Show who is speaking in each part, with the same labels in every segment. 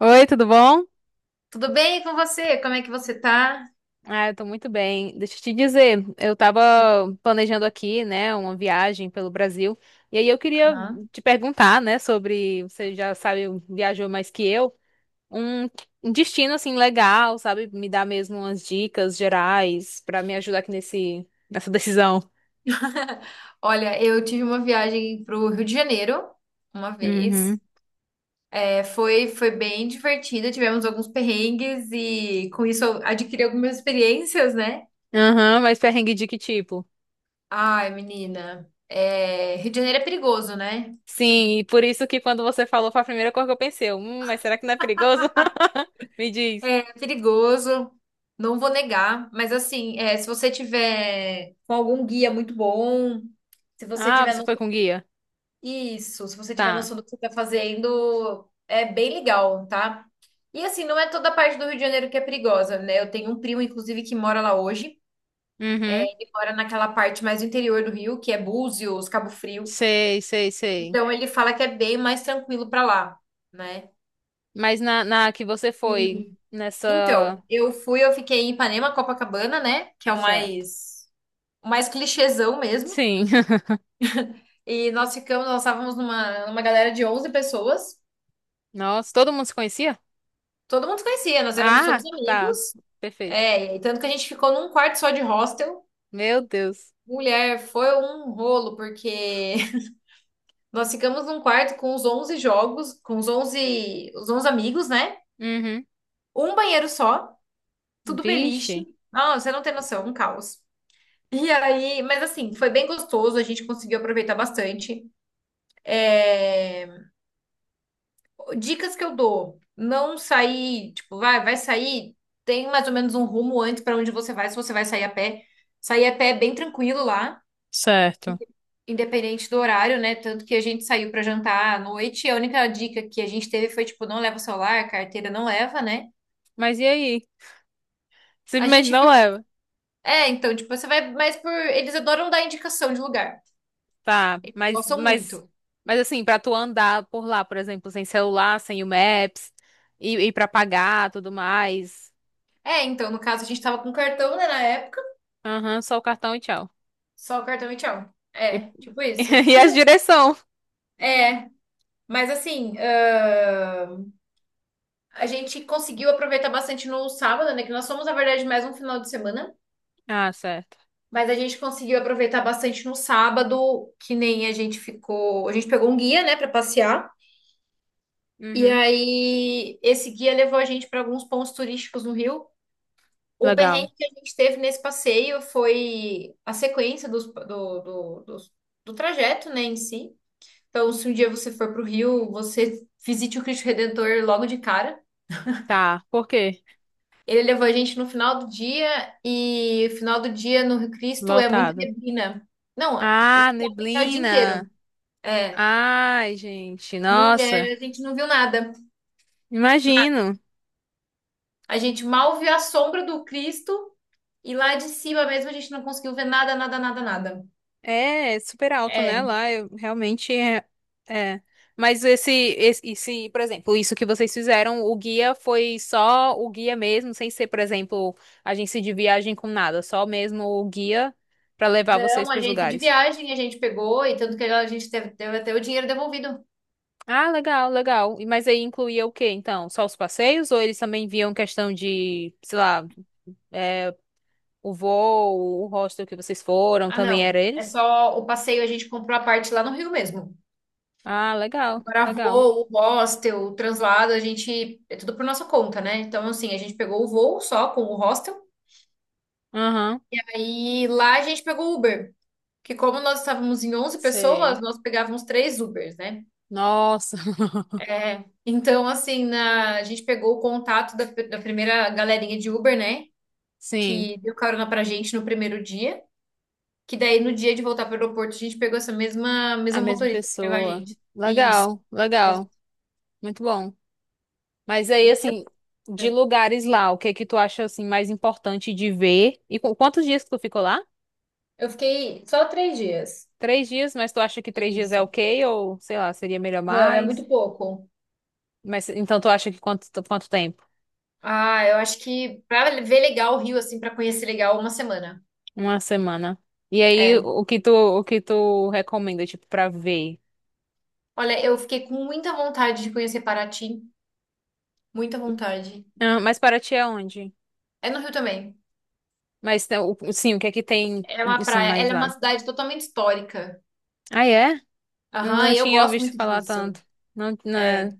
Speaker 1: Oi, tudo bom?
Speaker 2: Tudo bem com você? Como é que você tá?
Speaker 1: Ah, eu tô muito bem. Deixa eu te dizer, eu tava planejando aqui, né, uma viagem pelo Brasil, e aí eu queria
Speaker 2: Aham.
Speaker 1: te perguntar, né, sobre, você já sabe, viajou mais que eu, um, um destino, assim, legal, sabe? Me dar mesmo umas dicas gerais pra me ajudar aqui nessa decisão.
Speaker 2: Olha, eu tive uma viagem pro Rio de Janeiro uma vez.
Speaker 1: Uhum.
Speaker 2: É, foi bem divertida, tivemos alguns perrengues e com isso eu adquiri algumas experiências, né?
Speaker 1: Aham, mas perrengue de que tipo?
Speaker 2: Ai, menina, é, Rio de Janeiro é perigoso, né?
Speaker 1: Sim, e por isso que quando você falou foi a primeira coisa que eu pensei, eu, mas será que não é perigoso? Me diz.
Speaker 2: É perigoso, não vou negar, mas assim, é, se você tiver com algum guia muito bom, se você
Speaker 1: Ah,
Speaker 2: tiver
Speaker 1: você
Speaker 2: no
Speaker 1: foi com guia?
Speaker 2: Isso, se você tiver
Speaker 1: Tá.
Speaker 2: noção do que você está fazendo, é bem legal, tá? E assim, não é toda a parte do Rio de Janeiro que é perigosa, né? Eu tenho um primo, inclusive, que mora lá hoje,
Speaker 1: Uhum.
Speaker 2: e mora naquela parte mais do interior do Rio, que é Búzios, Cabo Frio.
Speaker 1: Sei, sei, sei.
Speaker 2: Então ele fala que é bem mais tranquilo pra lá, né?
Speaker 1: Mas na que você foi
Speaker 2: E
Speaker 1: nessa.
Speaker 2: então, eu fiquei em Ipanema, Copacabana, né? Que é
Speaker 1: Certo.
Speaker 2: o mais clichêzão mesmo.
Speaker 1: Sim.
Speaker 2: E nós ficamos, nós estávamos numa galera de 11 pessoas.
Speaker 1: Nossa, todo mundo se conhecia?
Speaker 2: Todo mundo se conhecia, nós éramos todos
Speaker 1: Ah, tá.
Speaker 2: amigos.
Speaker 1: Perfeito.
Speaker 2: É, e tanto que a gente ficou num quarto só de hostel.
Speaker 1: Meu Deus.
Speaker 2: Mulher, foi um rolo, porque nós ficamos num quarto com os 11 amigos, né?
Speaker 1: Uhum.
Speaker 2: Um banheiro só, tudo beliche.
Speaker 1: Vixe.
Speaker 2: Ah, você não tem noção, um caos. E aí, mas assim, foi bem gostoso, a gente conseguiu aproveitar bastante. É, dicas que eu dou: não sair, tipo, vai sair, tem mais ou menos um rumo antes para onde você vai, se você vai sair a pé. Sair a pé é bem tranquilo lá.
Speaker 1: Certo.
Speaker 2: Independente do horário, né? Tanto que a gente saiu para jantar à noite. E a única dica que a gente teve foi, tipo, não leva o celular, carteira não leva, né?
Speaker 1: Mas e aí?
Speaker 2: A
Speaker 1: Simplesmente
Speaker 2: gente
Speaker 1: não
Speaker 2: viu.
Speaker 1: leva.
Speaker 2: É, então, tipo, você vai. Mas por. Eles adoram dar indicação de lugar.
Speaker 1: Tá, mas,
Speaker 2: Gostam
Speaker 1: mas,
Speaker 2: muito.
Speaker 1: mas assim, pra tu andar por lá, por exemplo, sem celular, sem o Maps, e pra pagar, tudo mais.
Speaker 2: É, então, no caso, a gente tava com cartão, né, na época.
Speaker 1: Aham, só o cartão e tchau.
Speaker 2: Só o cartão e tchau.
Speaker 1: E,
Speaker 2: É, tipo isso.
Speaker 1: e as direção.
Speaker 2: É, mas assim. A gente conseguiu aproveitar bastante no sábado, né? Que nós fomos, na verdade, mais um final de semana.
Speaker 1: Ah, certo.
Speaker 2: Mas a gente conseguiu aproveitar bastante no sábado, que nem a gente ficou. A gente pegou um guia, né, para passear. E
Speaker 1: Uhum.
Speaker 2: aí, esse guia levou a gente para alguns pontos turísticos no Rio. O
Speaker 1: Legal.
Speaker 2: perrengue que a gente teve nesse passeio foi a sequência do trajeto, né, em si. Então, se um dia você for para o Rio, você visite o Cristo Redentor logo de cara.
Speaker 1: Tá. Por quê?
Speaker 2: Ele levou a gente no final do dia, e o final do dia no Rio Cristo é muita
Speaker 1: Lotado.
Speaker 2: neblina. Não,
Speaker 1: Ah,
Speaker 2: é o dia
Speaker 1: neblina.
Speaker 2: inteiro. É,
Speaker 1: Ai, gente, nossa.
Speaker 2: mulher, a gente não viu nada.
Speaker 1: Imagino.
Speaker 2: A gente mal viu a sombra do Cristo e lá de cima mesmo a gente não conseguiu ver nada, nada, nada, nada.
Speaker 1: É super alto, né?
Speaker 2: É,
Speaker 1: Lá eu realmente é. É. Mas esse, por exemplo, isso que vocês fizeram, o guia foi só o guia mesmo, sem ser, por exemplo, agência de viagem com nada, só mesmo o guia pra levar vocês
Speaker 2: não,
Speaker 1: pros
Speaker 2: agência de
Speaker 1: lugares.
Speaker 2: viagem a gente pegou e tanto que a gente teve até o dinheiro devolvido.
Speaker 1: Ah, legal, legal. E mas aí incluía o quê, então? Só os passeios ou eles também viam questão de, sei lá, é, o voo, o hostel que vocês foram,
Speaker 2: Ah,
Speaker 1: também
Speaker 2: não,
Speaker 1: era
Speaker 2: é
Speaker 1: eles?
Speaker 2: só o passeio, a gente comprou a parte lá no Rio mesmo.
Speaker 1: Ah, legal,
Speaker 2: Agora
Speaker 1: legal.
Speaker 2: voo, hostel, o translado, a gente, é tudo por nossa conta, né? Então, assim, a gente pegou o voo só com o hostel,
Speaker 1: Aham,
Speaker 2: aí lá a gente pegou o Uber. Que como nós estávamos em 11 pessoas,
Speaker 1: sei.
Speaker 2: nós pegávamos três Ubers, né?
Speaker 1: Nossa,
Speaker 2: É, então, assim, na- a gente pegou o contato da primeira galerinha de Uber, né?
Speaker 1: sim,
Speaker 2: Que deu carona pra gente no primeiro dia. Que daí, no dia de voltar pro aeroporto, a gente pegou
Speaker 1: a
Speaker 2: mesma
Speaker 1: mesma
Speaker 2: motorista que levou a
Speaker 1: pessoa.
Speaker 2: gente. Isso.
Speaker 1: Legal,
Speaker 2: Mesmo.
Speaker 1: legal, muito bom. Mas
Speaker 2: E
Speaker 1: aí,
Speaker 2: aí,
Speaker 1: assim, de
Speaker 2: é,
Speaker 1: lugares lá, o que que tu acha, assim, mais importante de ver? E quantos dias que tu ficou lá?
Speaker 2: eu fiquei só 3 dias.
Speaker 1: Três dias, mas tu acha que três dias é
Speaker 2: Isso.
Speaker 1: ok? Ou, sei lá, seria melhor
Speaker 2: Não, é muito
Speaker 1: mais?
Speaker 2: pouco.
Speaker 1: Mas, então, tu acha que quanto tempo?
Speaker 2: Ah, eu acho que pra ver legal o Rio, assim, pra conhecer legal, uma semana.
Speaker 1: Uma semana. E aí,
Speaker 2: É.
Speaker 1: o que tu recomenda, tipo, pra ver?
Speaker 2: Olha, eu fiquei com muita vontade de conhecer Paraty. Muita vontade.
Speaker 1: Ah, mas para ti é onde?
Speaker 2: É no Rio também.
Speaker 1: Mas, né, sim, o que é que tem,
Speaker 2: É uma
Speaker 1: assim,
Speaker 2: praia,
Speaker 1: mais
Speaker 2: ela é uma
Speaker 1: lá?
Speaker 2: cidade totalmente histórica.
Speaker 1: Ah, é? Não,
Speaker 2: Aham,
Speaker 1: não
Speaker 2: e eu
Speaker 1: tinha
Speaker 2: gosto
Speaker 1: visto
Speaker 2: muito
Speaker 1: falar
Speaker 2: disso.
Speaker 1: tanto. Não, não é-
Speaker 2: É,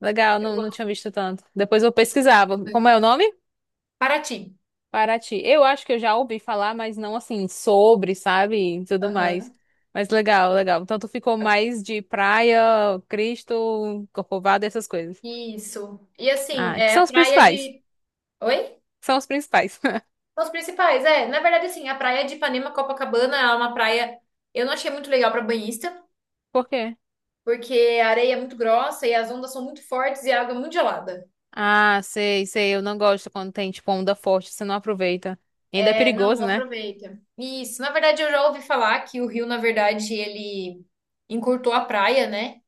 Speaker 1: Legal,
Speaker 2: eu
Speaker 1: não, não
Speaker 2: gosto
Speaker 1: tinha visto tanto. Depois eu pesquisava. Como é
Speaker 2: muito.
Speaker 1: o nome?
Speaker 2: Paraty.
Speaker 1: Paraty. Eu acho que eu já ouvi falar, mas não, assim, sobre, sabe? E tudo mais.
Speaker 2: Aham.
Speaker 1: Mas legal, legal. Então tu ficou mais de praia, Cristo, Corcovado, essas coisas.
Speaker 2: Isso. E assim,
Speaker 1: Ah, que são
Speaker 2: é
Speaker 1: os
Speaker 2: praia
Speaker 1: principais.
Speaker 2: de. Oi?
Speaker 1: São os principais.
Speaker 2: São os principais, é. Na verdade, assim, a praia de Ipanema, Copacabana, ela é uma praia. Eu não achei muito legal para banhista,
Speaker 1: Por quê?
Speaker 2: porque a areia é muito grossa e as ondas são muito fortes e a água é muito gelada.
Speaker 1: Ah, sei, sei. Eu não gosto quando tem, tipo, onda forte. Você não aproveita. E ainda é
Speaker 2: É, não,
Speaker 1: perigoso,
Speaker 2: não
Speaker 1: né?
Speaker 2: aproveita. Isso. Na verdade, eu já ouvi falar que o rio, na verdade, ele encurtou a praia, né?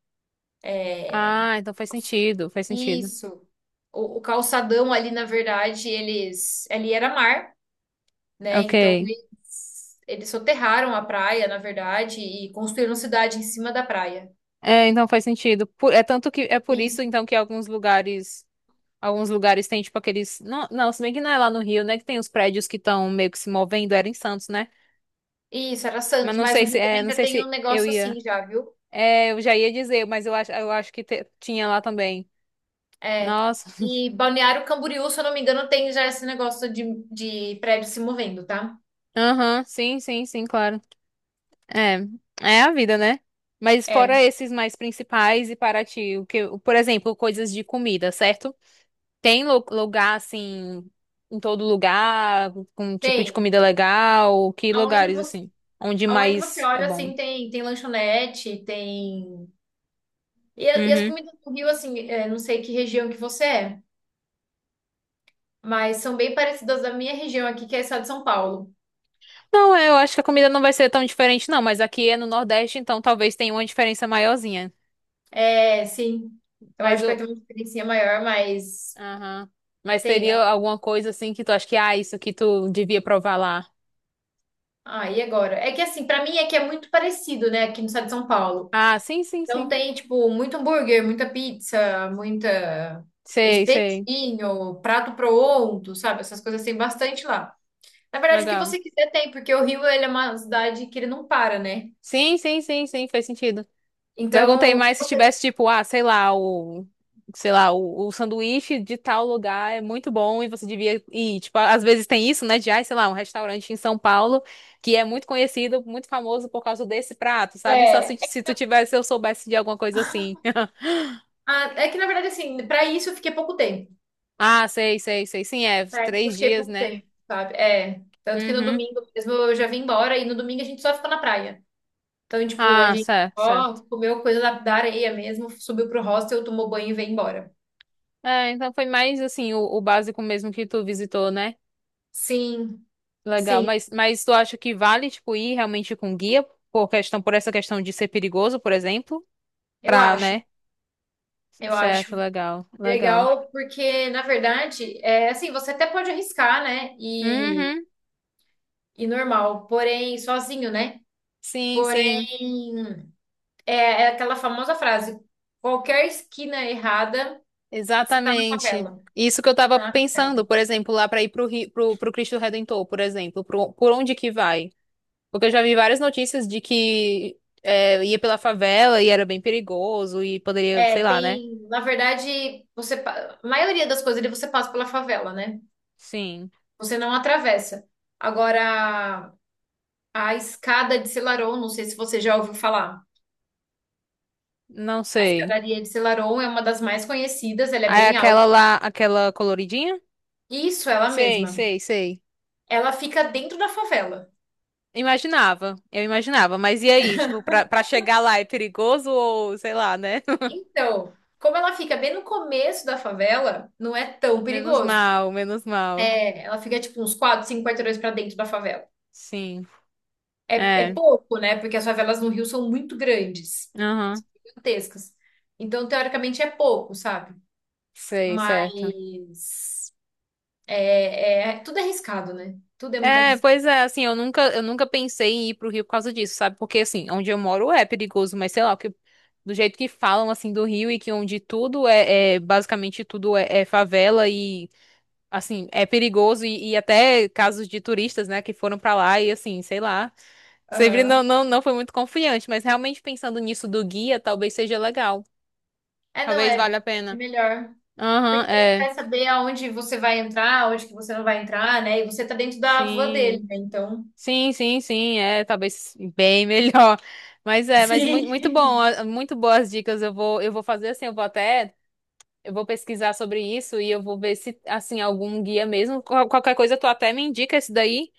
Speaker 1: Ah, então faz sentido. Faz sentido.
Speaker 2: Isso. O calçadão ali, na verdade, eles. Ali era mar, né?
Speaker 1: Ok.
Speaker 2: Então eles soterraram a praia, na verdade, e construíram cidade em cima da praia.
Speaker 1: É, então faz sentido. É tanto que é por isso,
Speaker 2: Isso.
Speaker 1: então, que alguns lugares. Alguns lugares têm, tipo, aqueles. Não, se bem que não é lá no Rio, né? Que tem os prédios que estão meio que se movendo. Era em Santos, né?
Speaker 2: Isso, era
Speaker 1: Mas
Speaker 2: Santos,
Speaker 1: não
Speaker 2: mas o
Speaker 1: sei se.
Speaker 2: Rio
Speaker 1: É,
Speaker 2: também
Speaker 1: não
Speaker 2: já
Speaker 1: sei
Speaker 2: tem um
Speaker 1: se eu
Speaker 2: negócio
Speaker 1: ia.
Speaker 2: assim já, viu?
Speaker 1: É, eu já ia dizer, mas eu acho que tinha lá também.
Speaker 2: É.
Speaker 1: Nossa.
Speaker 2: E Balneário Camboriú, se eu não me engano, tem já esse negócio de prédio se movendo, tá?
Speaker 1: Aham, sim, claro. É, é a vida, né? Mas
Speaker 2: É,
Speaker 1: fora esses mais principais e para ti, o que, por exemplo, coisas de comida, certo? Tem lugar assim, em todo lugar, com um tipo de
Speaker 2: tem.
Speaker 1: comida legal, que
Speaker 2: Aonde
Speaker 1: lugares
Speaker 2: você,
Speaker 1: assim, onde
Speaker 2: aonde você
Speaker 1: mais é
Speaker 2: olha,
Speaker 1: bom?
Speaker 2: assim, tem, tem lanchonete, tem. E, e as
Speaker 1: Uhum.
Speaker 2: comidas do Rio, assim, é, não sei que região que você é, mas são bem parecidas da minha região aqui, que é o estado de São Paulo.
Speaker 1: Não, é, eu acho que a comida não vai ser tão diferente, não, mas aqui é no Nordeste, então talvez tenha uma diferença maiorzinha.
Speaker 2: É, sim, eu
Speaker 1: Mas
Speaker 2: acho que vai
Speaker 1: o.
Speaker 2: ter uma diferencinha maior, mas
Speaker 1: Aham. Mas seria
Speaker 2: tem.
Speaker 1: alguma coisa assim que tu acha que, ah, isso aqui tu devia provar lá.
Speaker 2: Ah, e agora? É que assim, pra mim é que é muito parecido, né, aqui no estado de São Paulo.
Speaker 1: Ah, sim, sim,
Speaker 2: Então
Speaker 1: sim.
Speaker 2: tem, tipo, muito hambúrguer, muita pizza, muita
Speaker 1: Sei, sei.
Speaker 2: espetinho, prato pronto, sabe? Essas coisas tem bastante lá. Na verdade, o que
Speaker 1: Legal.
Speaker 2: você quiser tem, porque o Rio, ele é uma cidade que ele não para, né?
Speaker 1: Sim, fez sentido. Perguntei
Speaker 2: Então, o que
Speaker 1: mais se
Speaker 2: você
Speaker 1: tivesse, tipo, ah, sei lá, o, sei lá, o sanduíche de tal lugar é muito bom e você devia ir. Tipo, às vezes tem isso, né, de, ah, sei lá, um restaurante em São Paulo que é muito conhecido, muito famoso por causa desse prato, sabe? Só
Speaker 2: é,
Speaker 1: se tu tivesse, eu soubesse de alguma coisa assim.
Speaker 2: ah, é que na verdade, assim, pra isso eu fiquei pouco tempo.
Speaker 1: Ah, sei. Sim, é,
Speaker 2: Pra isso eu
Speaker 1: três
Speaker 2: fiquei
Speaker 1: dias,
Speaker 2: pouco
Speaker 1: né?
Speaker 2: tempo, sabe? É. Tanto que no
Speaker 1: Uhum.
Speaker 2: domingo mesmo eu já vim embora e no domingo a gente só ficou na praia. Então, tipo, a
Speaker 1: Ah,
Speaker 2: gente
Speaker 1: certo,
Speaker 2: só
Speaker 1: certo.
Speaker 2: comeu coisa da areia mesmo, subiu pro hostel, tomou banho e veio embora.
Speaker 1: É, então foi mais, assim, o básico mesmo que tu visitou, né?
Speaker 2: Sim,
Speaker 1: Legal,
Speaker 2: sim,
Speaker 1: mas tu acha que vale, tipo, ir realmente com guia por essa questão de ser perigoso, por exemplo?
Speaker 2: eu
Speaker 1: Pra,
Speaker 2: acho.
Speaker 1: né?
Speaker 2: Eu
Speaker 1: Certo,
Speaker 2: acho
Speaker 1: legal, legal.
Speaker 2: legal porque, na verdade, é assim, você até pode arriscar, né?
Speaker 1: Uhum,
Speaker 2: E normal, porém, sozinho, né?
Speaker 1: sim, sim,
Speaker 2: Porém, é aquela famosa frase: qualquer esquina errada. Você tá na
Speaker 1: exatamente.
Speaker 2: favela.
Speaker 1: Isso que eu tava
Speaker 2: Tá na favela.
Speaker 1: pensando, por exemplo, lá pra ir pro, pro, pro Cristo Redentor, por exemplo, pro, por onde que vai? Porque eu já vi várias notícias de que é, ia pela favela e era bem perigoso e poderia, sei
Speaker 2: É,
Speaker 1: lá, né?
Speaker 2: tem, na verdade, você, pa- a maioria das coisas ali você passa pela favela, né?
Speaker 1: Sim,
Speaker 2: Você não atravessa. Agora, a escada de Selarón, não sei se você já ouviu falar.
Speaker 1: não
Speaker 2: A
Speaker 1: sei.
Speaker 2: escadaria de Selarón é uma das mais conhecidas, ela é
Speaker 1: Aí
Speaker 2: bem alta.
Speaker 1: aquela lá, aquela coloridinha?
Speaker 2: Isso, ela
Speaker 1: Sei,
Speaker 2: mesma.
Speaker 1: sei, sei.
Speaker 2: Ela fica dentro da favela.
Speaker 1: Imaginava, eu imaginava, mas e aí, tipo, pra chegar lá é perigoso ou sei lá, né?
Speaker 2: Então, como ela fica bem no começo da favela, não é tão
Speaker 1: Menos
Speaker 2: perigoso.
Speaker 1: mal, menos mal.
Speaker 2: É, ela fica tipo uns 4, 5 quarteirões pra dentro da favela.
Speaker 1: Sim,
Speaker 2: É, é
Speaker 1: é,
Speaker 2: pouco, né? Porque as favelas no Rio são muito grandes,
Speaker 1: aham,
Speaker 2: gigantescas. Então, teoricamente, é pouco, sabe?
Speaker 1: sei, certo.
Speaker 2: Mas é, tudo é arriscado, né? Tudo é muito
Speaker 1: É,
Speaker 2: arriscado.
Speaker 1: pois é, assim, eu nunca pensei em ir pro Rio por causa disso, sabe? Porque, assim, onde eu moro é perigoso, mas sei lá, o que, do jeito que falam, assim, do Rio e que onde tudo é, basicamente tudo é, é favela e, assim, é perigoso e até casos de turistas, né, que foram pra lá e, assim, sei lá. Sempre não,
Speaker 2: Aham.
Speaker 1: não foi muito confiante, mas realmente pensando nisso do guia, talvez seja legal.
Speaker 2: É, não,
Speaker 1: Talvez
Speaker 2: é,
Speaker 1: valha a
Speaker 2: é
Speaker 1: pena.
Speaker 2: melhor.
Speaker 1: Aham,
Speaker 2: Porque ele
Speaker 1: é.
Speaker 2: vai saber aonde você vai entrar, aonde que você não vai entrar, né? E você tá dentro da van dele,
Speaker 1: Sim.
Speaker 2: né? Então.
Speaker 1: Sim, é, talvez bem melhor. Mas é, mas muito, muito bom,
Speaker 2: Sim.
Speaker 1: ah, muito boas dicas. Eu vou fazer assim, eu vou até, eu vou pesquisar sobre isso e eu vou ver se, assim, algum guia mesmo. Qualquer coisa tu até me indica esse daí,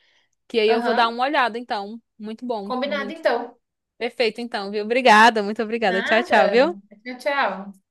Speaker 1: que aí eu vou dar
Speaker 2: Aham.
Speaker 1: uma olhada, então. Muito bom,
Speaker 2: Combinado,
Speaker 1: muito
Speaker 2: então.
Speaker 1: perfeito, então, viu? Obrigada, muito obrigada. Tchau, tchau,
Speaker 2: Nada.
Speaker 1: viu?
Speaker 2: Tchau, tchau.